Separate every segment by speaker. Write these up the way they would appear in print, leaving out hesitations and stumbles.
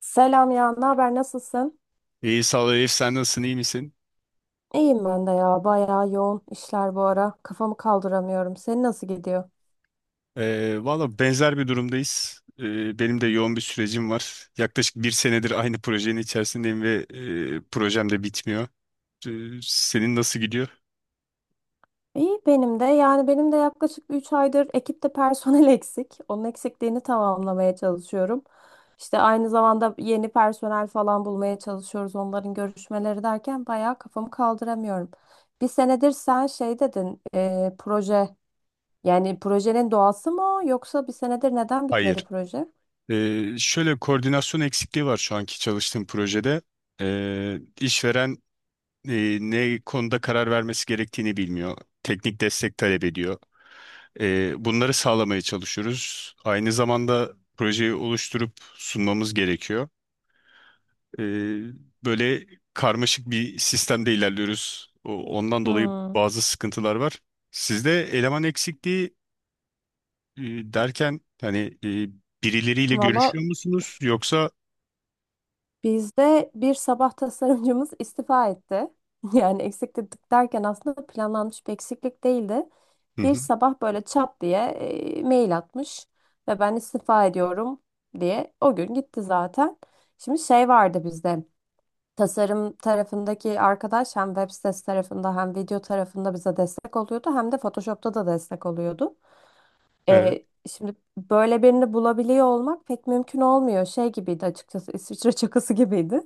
Speaker 1: Selam ya, ne haber, nasılsın?
Speaker 2: İyi sağ ol Elif, sen nasılsın, iyi misin?
Speaker 1: İyiyim ben de ya, bayağı yoğun işler bu ara. Kafamı kaldıramıyorum. Senin nasıl gidiyor?
Speaker 2: Valla benzer bir durumdayız. Benim de yoğun bir sürecim var. Yaklaşık bir senedir aynı projenin içerisindeyim ve projem de bitmiyor. Senin nasıl gidiyor?
Speaker 1: İyi benim de. Yani benim de yaklaşık 3 aydır ekipte personel eksik. Onun eksikliğini tamamlamaya çalışıyorum. İşte aynı zamanda yeni personel falan bulmaya çalışıyoruz. Onların görüşmeleri derken bayağı kafamı kaldıramıyorum. Bir senedir sen şey dedin, proje. Yani projenin doğası mı o, yoksa bir senedir neden bitmedi
Speaker 2: Hayır.
Speaker 1: proje?
Speaker 2: Şöyle koordinasyon eksikliği var şu anki çalıştığım projede. İşveren ne konuda karar vermesi gerektiğini bilmiyor. Teknik destek talep ediyor. Bunları sağlamaya çalışıyoruz. Aynı zamanda projeyi oluşturup sunmamız gerekiyor. E, Böyle karmaşık bir sistemde ilerliyoruz. Ondan dolayı
Speaker 1: Hmm.
Speaker 2: bazı sıkıntılar var. Sizde eleman eksikliği e, derken hani e, birileriyle
Speaker 1: Valla,
Speaker 2: görüşüyor musunuz yoksa?
Speaker 1: bizde bir sabah tasarımcımız istifa etti. Yani eksiklik derken aslında planlanmış bir eksiklik değildi.
Speaker 2: Hı
Speaker 1: Bir
Speaker 2: hı,
Speaker 1: sabah böyle çat diye mail atmış ve ben istifa ediyorum diye o gün gitti zaten. Şimdi şey vardı bizde, tasarım tarafındaki arkadaş hem web sitesi tarafında hem video tarafında bize destek oluyordu, hem de Photoshop'ta da destek oluyordu.
Speaker 2: evet.
Speaker 1: Şimdi böyle birini bulabiliyor olmak pek mümkün olmuyor. Şey gibiydi açıkçası, İsviçre çakısı gibiydi.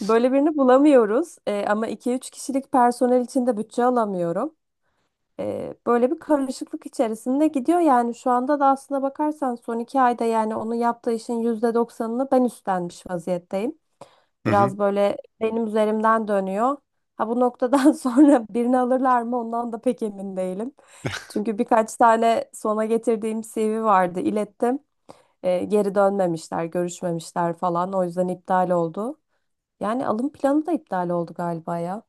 Speaker 1: Böyle birini bulamıyoruz. Ama 2-3 kişilik personel için de bütçe alamıyorum. Böyle bir karışıklık içerisinde gidiyor. Yani şu anda da, aslına bakarsan son 2 ayda, yani onun yaptığı işin %90'ını ben üstlenmiş vaziyetteyim.
Speaker 2: Hı hı.
Speaker 1: Biraz böyle benim üzerimden dönüyor. Ha, bu noktadan sonra birini alırlar mı ondan da pek emin değilim. Çünkü birkaç tane sona getirdiğim CV vardı, ilettim. Geri dönmemişler, görüşmemişler falan. O yüzden iptal oldu. Yani alım planı da iptal oldu galiba ya.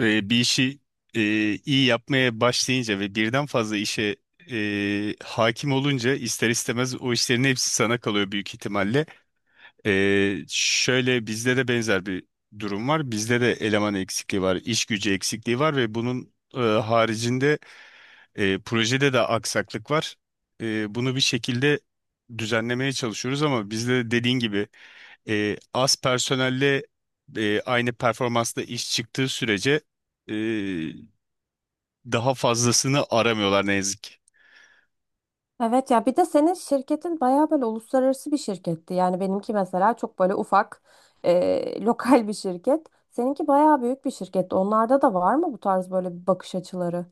Speaker 2: Bir işi e, iyi yapmaya başlayınca ve birden fazla işe hakim olunca ister istemez o işlerin hepsi sana kalıyor büyük ihtimalle. Şöyle bizde de benzer bir durum var. Bizde de eleman eksikliği var, iş gücü eksikliği var ve bunun haricinde projede de aksaklık var. Bunu bir şekilde düzenlemeye çalışıyoruz ama bizde de dediğin gibi az personelle aynı performansla iş çıktığı sürece daha fazlasını aramıyorlar ne yazık ki.
Speaker 1: Evet ya, bir de senin şirketin bayağı böyle uluslararası bir şirketti. Yani benimki mesela çok böyle ufak, lokal bir şirket. Seninki bayağı büyük bir şirket. Onlarda da var mı bu tarz böyle bir bakış açıları?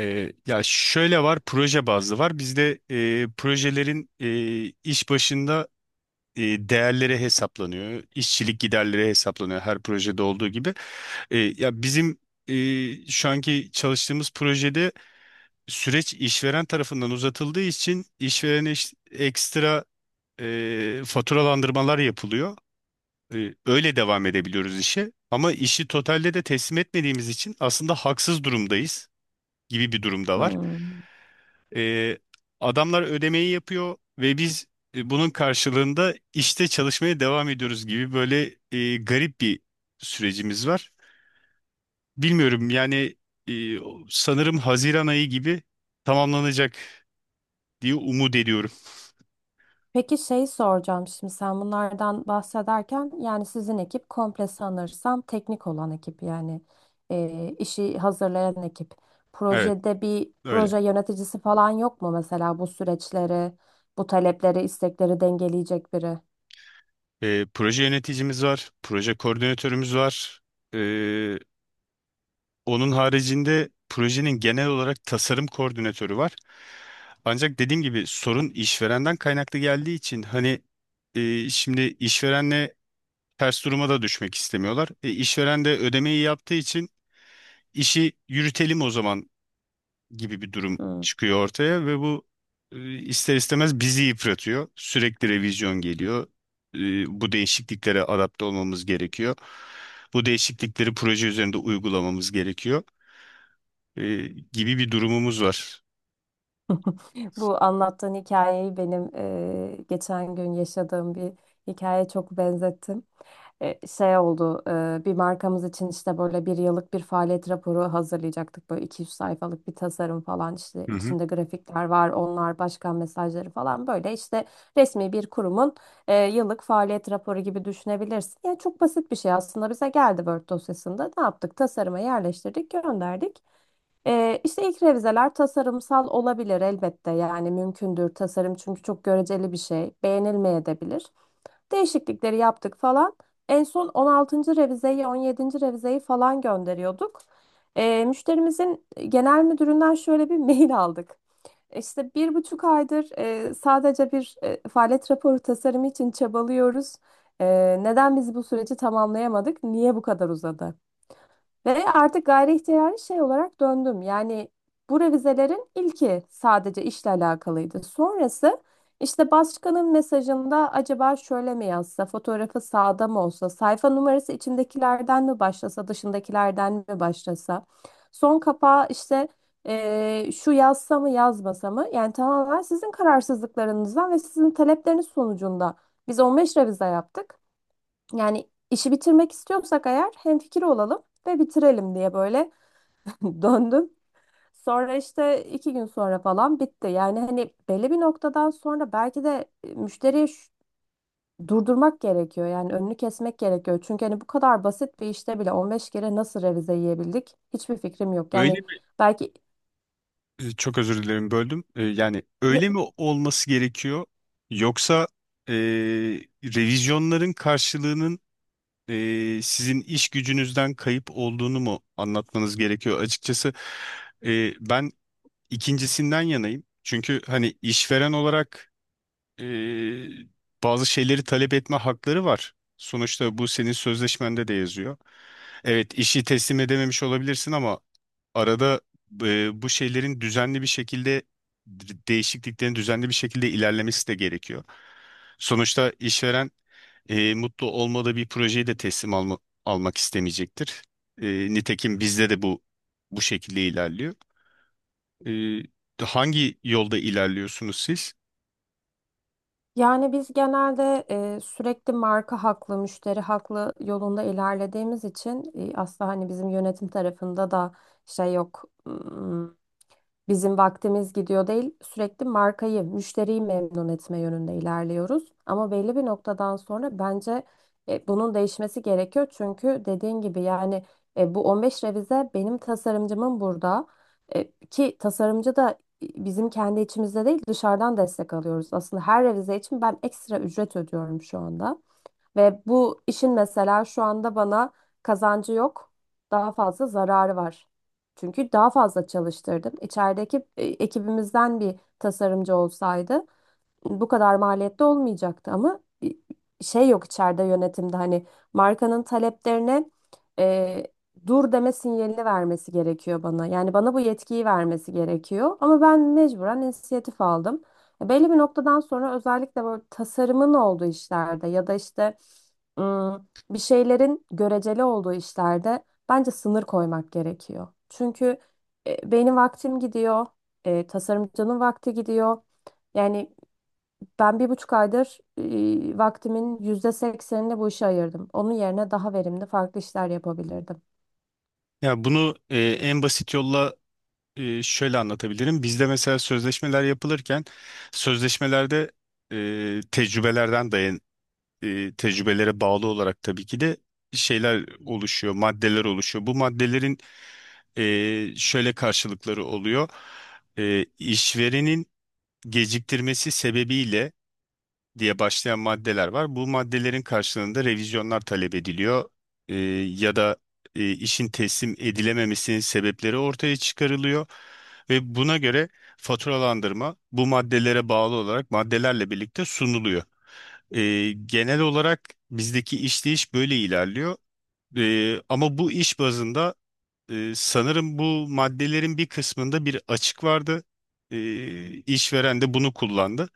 Speaker 2: Ya şöyle var, proje bazlı var. Bizde projelerin iş başında e, değerleri hesaplanıyor, işçilik giderleri hesaplanıyor her projede olduğu gibi. Ya bizim şu anki çalıştığımız projede süreç işveren tarafından uzatıldığı için işverene ekstra faturalandırmalar yapılıyor. Öyle devam edebiliyoruz işe. Ama işi totalde de teslim etmediğimiz için aslında haksız durumdayız gibi bir durumda var.
Speaker 1: Hmm.
Speaker 2: E, Adamlar ödemeyi yapıyor ve biz bunun karşılığında işte çalışmaya devam ediyoruz gibi böyle garip bir sürecimiz var. Bilmiyorum yani e, sanırım Haziran ayı gibi tamamlanacak diye umut ediyorum.
Speaker 1: Peki şey soracağım, şimdi sen bunlardan bahsederken, yani sizin ekip komple sanırsam teknik olan ekip, yani işi hazırlayan ekip.
Speaker 2: Evet,
Speaker 1: Projede bir
Speaker 2: öyle.
Speaker 1: proje yöneticisi falan yok mu mesela, bu süreçleri, bu talepleri, istekleri dengeleyecek biri?
Speaker 2: Proje yöneticimiz var, proje koordinatörümüz var. E, Onun haricinde projenin genel olarak tasarım koordinatörü var. Ancak dediğim gibi sorun işverenden kaynaklı geldiği için hani şimdi işverenle ters duruma da düşmek istemiyorlar. İşveren de ödemeyi yaptığı için işi yürütelim o zaman gibi bir durum
Speaker 1: Hmm.
Speaker 2: çıkıyor ortaya ve bu ister istemez bizi yıpratıyor. Sürekli revizyon geliyor. E, Bu değişikliklere adapte olmamız gerekiyor. Bu değişiklikleri proje üzerinde uygulamamız gerekiyor e, gibi bir durumumuz var.
Speaker 1: Bu anlattığın hikayeyi benim geçen gün yaşadığım bir hikaye çok benzettim. Şey oldu, bir markamız için işte böyle bir yıllık bir faaliyet raporu hazırlayacaktık, böyle 200 sayfalık bir tasarım falan, işte
Speaker 2: Hı hı.
Speaker 1: içinde grafikler var, onlar başkan mesajları falan, böyle işte resmi bir kurumun yıllık faaliyet raporu gibi düşünebilirsin. Yani çok basit bir şey, aslında bize geldi Word dosyasında, ne yaptık, tasarıma yerleştirdik, gönderdik. İşte ilk revizeler tasarımsal olabilir elbette, yani mümkündür, tasarım çünkü çok göreceli bir şey, beğenilmeyebilir. Değişiklikleri yaptık falan. En son 16. revizeyi, 17. revizeyi falan gönderiyorduk. Müşterimizin genel müdüründen şöyle bir mail aldık. İşte 1,5 aydır sadece bir faaliyet raporu tasarımı için çabalıyoruz. E, Neden biz bu süreci tamamlayamadık? Niye bu kadar uzadı? Ve artık gayri ihtiyari şey olarak döndüm. Yani bu revizelerin ilki sadece işle alakalıydı. Sonrası işte başkanın mesajında acaba şöyle mi yazsa, fotoğrafı sağda mı olsa, sayfa numarası içindekilerden mi başlasa, dışındakilerden mi başlasa, son kapağı işte şu yazsa mı yazmasa mı? Yani tamamen sizin kararsızlıklarınızdan ve sizin talepleriniz sonucunda biz 15 revize yaptık. Yani işi bitirmek istiyorsak eğer, hemfikir olalım ve bitirelim diye böyle döndüm. Sonra işte 2 gün sonra falan bitti. Yani hani belli bir noktadan sonra belki de müşteriyi durdurmak gerekiyor. Yani önünü kesmek gerekiyor. Çünkü hani bu kadar basit bir işte bile 15 kere nasıl revize yiyebildik? Hiçbir fikrim yok.
Speaker 2: Öyle
Speaker 1: Yani
Speaker 2: mi?
Speaker 1: belki.
Speaker 2: Çok özür dilerim, böldüm. Yani öyle mi olması gerekiyor yoksa e, revizyonların karşılığının sizin iş gücünüzden kayıp olduğunu mu anlatmanız gerekiyor? Açıkçası ben ikincisinden yanayım. Çünkü hani işveren olarak e, bazı şeyleri talep etme hakları var. Sonuçta bu senin sözleşmende de yazıyor. Evet, işi teslim edememiş olabilirsin ama arada bu şeylerin düzenli bir şekilde değişikliklerin düzenli bir şekilde ilerlemesi de gerekiyor. Sonuçta işveren mutlu olmadığı bir projeyi de almak istemeyecektir. E, Nitekim bizde de bu şekilde ilerliyor. E, Hangi yolda ilerliyorsunuz siz?
Speaker 1: Yani biz genelde sürekli marka haklı, müşteri haklı yolunda ilerlediğimiz için, aslında hani bizim yönetim tarafında da şey yok. Bizim vaktimiz gidiyor değil, sürekli markayı, müşteriyi memnun etme yönünde ilerliyoruz. Ama belli bir noktadan sonra bence bunun değişmesi gerekiyor. Çünkü dediğin gibi yani bu 15 revize benim tasarımcımın burada. Ki tasarımcı da bizim kendi içimizde değil, dışarıdan destek alıyoruz. Aslında her revize için ben ekstra ücret ödüyorum şu anda. Ve bu işin mesela şu anda bana kazancı yok, daha fazla zararı var. Çünkü daha fazla çalıştırdım. İçerideki ekibimizden bir tasarımcı olsaydı bu kadar maliyette olmayacaktı, ama şey yok içeride yönetimde, hani markanın taleplerine e, dur deme sinyalini vermesi gerekiyor bana. Yani bana bu yetkiyi vermesi gerekiyor ama ben mecburen inisiyatif aldım. Belli bir noktadan sonra, özellikle böyle tasarımın olduğu işlerde ya da işte bir şeylerin göreceli olduğu işlerde bence sınır koymak gerekiyor. Çünkü benim vaktim gidiyor, tasarımcının vakti gidiyor. Yani ben 1,5 aydır vaktimin %80'ini bu işe ayırdım. Onun yerine daha verimli farklı işler yapabilirdim.
Speaker 2: Ya bunu en basit yolla şöyle anlatabilirim. Bizde mesela sözleşmeler yapılırken sözleşmelerde e, tecrübelerden dayan tecrübelere bağlı olarak tabii ki de şeyler oluşuyor, maddeler oluşuyor. Bu maddelerin şöyle karşılıkları oluyor. İşverenin geciktirmesi sebebiyle diye başlayan maddeler var. Bu maddelerin karşılığında revizyonlar talep ediliyor. Ee, Ya da işin teslim edilememesinin sebepleri ortaya çıkarılıyor ve buna göre faturalandırma bu maddelere bağlı olarak maddelerle birlikte sunuluyor. Genel olarak bizdeki işleyiş böyle ilerliyor. Ama bu iş bazında sanırım bu maddelerin bir kısmında bir açık vardı. İşveren de bunu kullandı.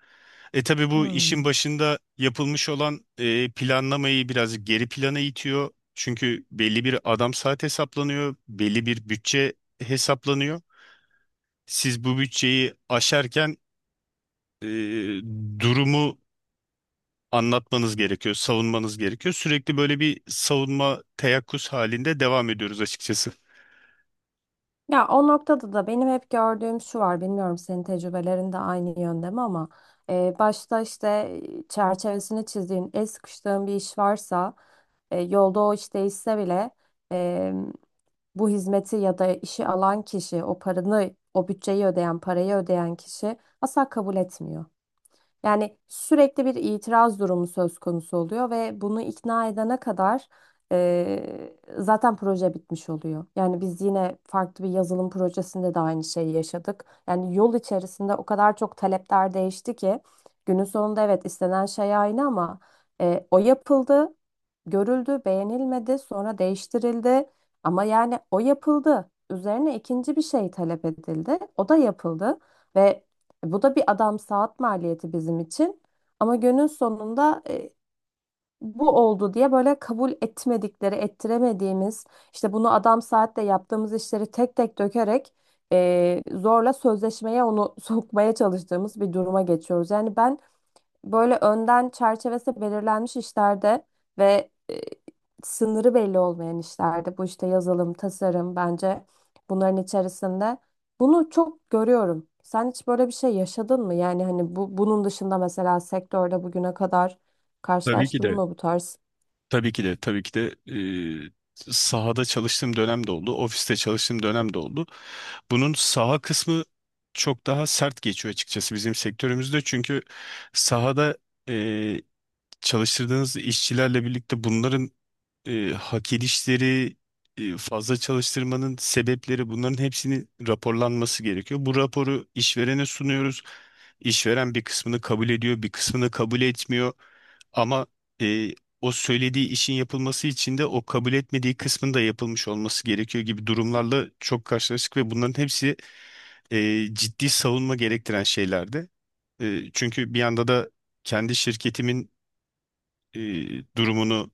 Speaker 2: E tabii bu
Speaker 1: Hmm.
Speaker 2: işin başında yapılmış olan planlamayı biraz geri plana itiyor. Çünkü belli bir adam saat hesaplanıyor, belli bir bütçe hesaplanıyor. Siz bu bütçeyi aşarken e, durumu anlatmanız gerekiyor, savunmanız gerekiyor. Sürekli böyle bir savunma teyakkuz halinde devam ediyoruz açıkçası.
Speaker 1: Ya o noktada da benim hep gördüğüm şu var, bilmiyorum senin tecrübelerin de aynı yönde mi, ama başta işte çerçevesini çizdiğin, el sıkıştığın bir iş varsa, yolda o iş değişse bile, e, bu hizmeti ya da işi alan kişi, o paranı, o bütçeyi ödeyen, parayı ödeyen kişi asla kabul etmiyor. Yani sürekli bir itiraz durumu söz konusu oluyor ve bunu ikna edene kadar zaten proje bitmiş oluyor. Yani biz yine farklı bir yazılım projesinde de aynı şeyi yaşadık. Yani yol içerisinde o kadar çok talepler değişti ki, günün sonunda evet, istenen şey aynı, ama o yapıldı, görüldü, beğenilmedi, sonra değiştirildi. Ama yani o yapıldı. Üzerine ikinci bir şey talep edildi. O da yapıldı. Ve bu da bir adam saat maliyeti bizim için. Ama günün sonunda bu oldu diye böyle kabul etmedikleri, ettiremediğimiz, işte bunu adam saatle yaptığımız işleri tek tek dökerek zorla sözleşmeye onu sokmaya çalıştığımız bir duruma geçiyoruz. Yani ben böyle önden çerçevesi belirlenmiş işlerde ve sınırı belli olmayan işlerde, bu işte yazılım, tasarım, bence bunların içerisinde bunu çok görüyorum. Sen hiç böyle bir şey yaşadın mı? Yani hani bu, bunun dışında mesela sektörde bugüne kadar
Speaker 2: Tabii ki
Speaker 1: karşılaştın
Speaker 2: de.
Speaker 1: mı bu tarz?
Speaker 2: Tabii ki de, tabii ki de sahada çalıştığım dönem de oldu, ofiste çalıştığım dönem de oldu. Bunun saha kısmı çok daha sert geçiyor açıkçası bizim sektörümüzde. Çünkü sahada e, çalıştırdığınız işçilerle birlikte bunların hak edişleri fazla çalıştırmanın sebepleri bunların hepsinin raporlanması gerekiyor. Bu raporu işverene sunuyoruz. İşveren bir kısmını kabul ediyor, bir kısmını kabul etmiyor. Ama e, o söylediği işin yapılması için de o kabul etmediği kısmın da yapılmış olması gerekiyor gibi durumlarla çok karşılaştık ve bunların hepsi ciddi savunma gerektiren şeylerdi. Çünkü bir yanda da kendi şirketimin e, durumunu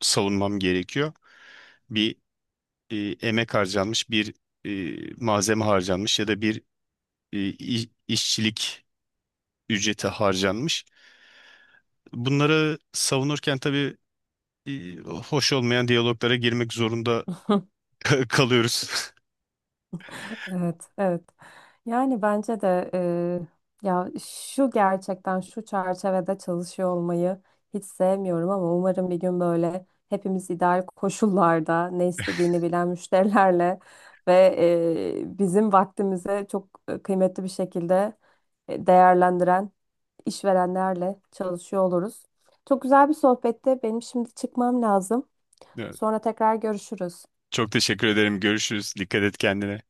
Speaker 2: savunmam gerekiyor, bir e, emek harcanmış, bir malzeme harcanmış ya da bir işçilik ücreti harcanmış. Bunları savunurken tabii hoş olmayan diyaloglara girmek zorunda kalıyoruz.
Speaker 1: Evet, evet. Yani bence de ya şu, gerçekten şu çerçevede çalışıyor olmayı hiç sevmiyorum, ama umarım bir gün böyle hepimiz ideal koşullarda ne istediğini bilen müşterilerle ve bizim vaktimize çok kıymetli bir şekilde değerlendiren işverenlerle çalışıyor oluruz. Çok güzel bir sohbette Benim şimdi çıkmam lazım.
Speaker 2: Evet.
Speaker 1: Sonra tekrar görüşürüz.
Speaker 2: Çok teşekkür ederim. Görüşürüz. Dikkat et kendine.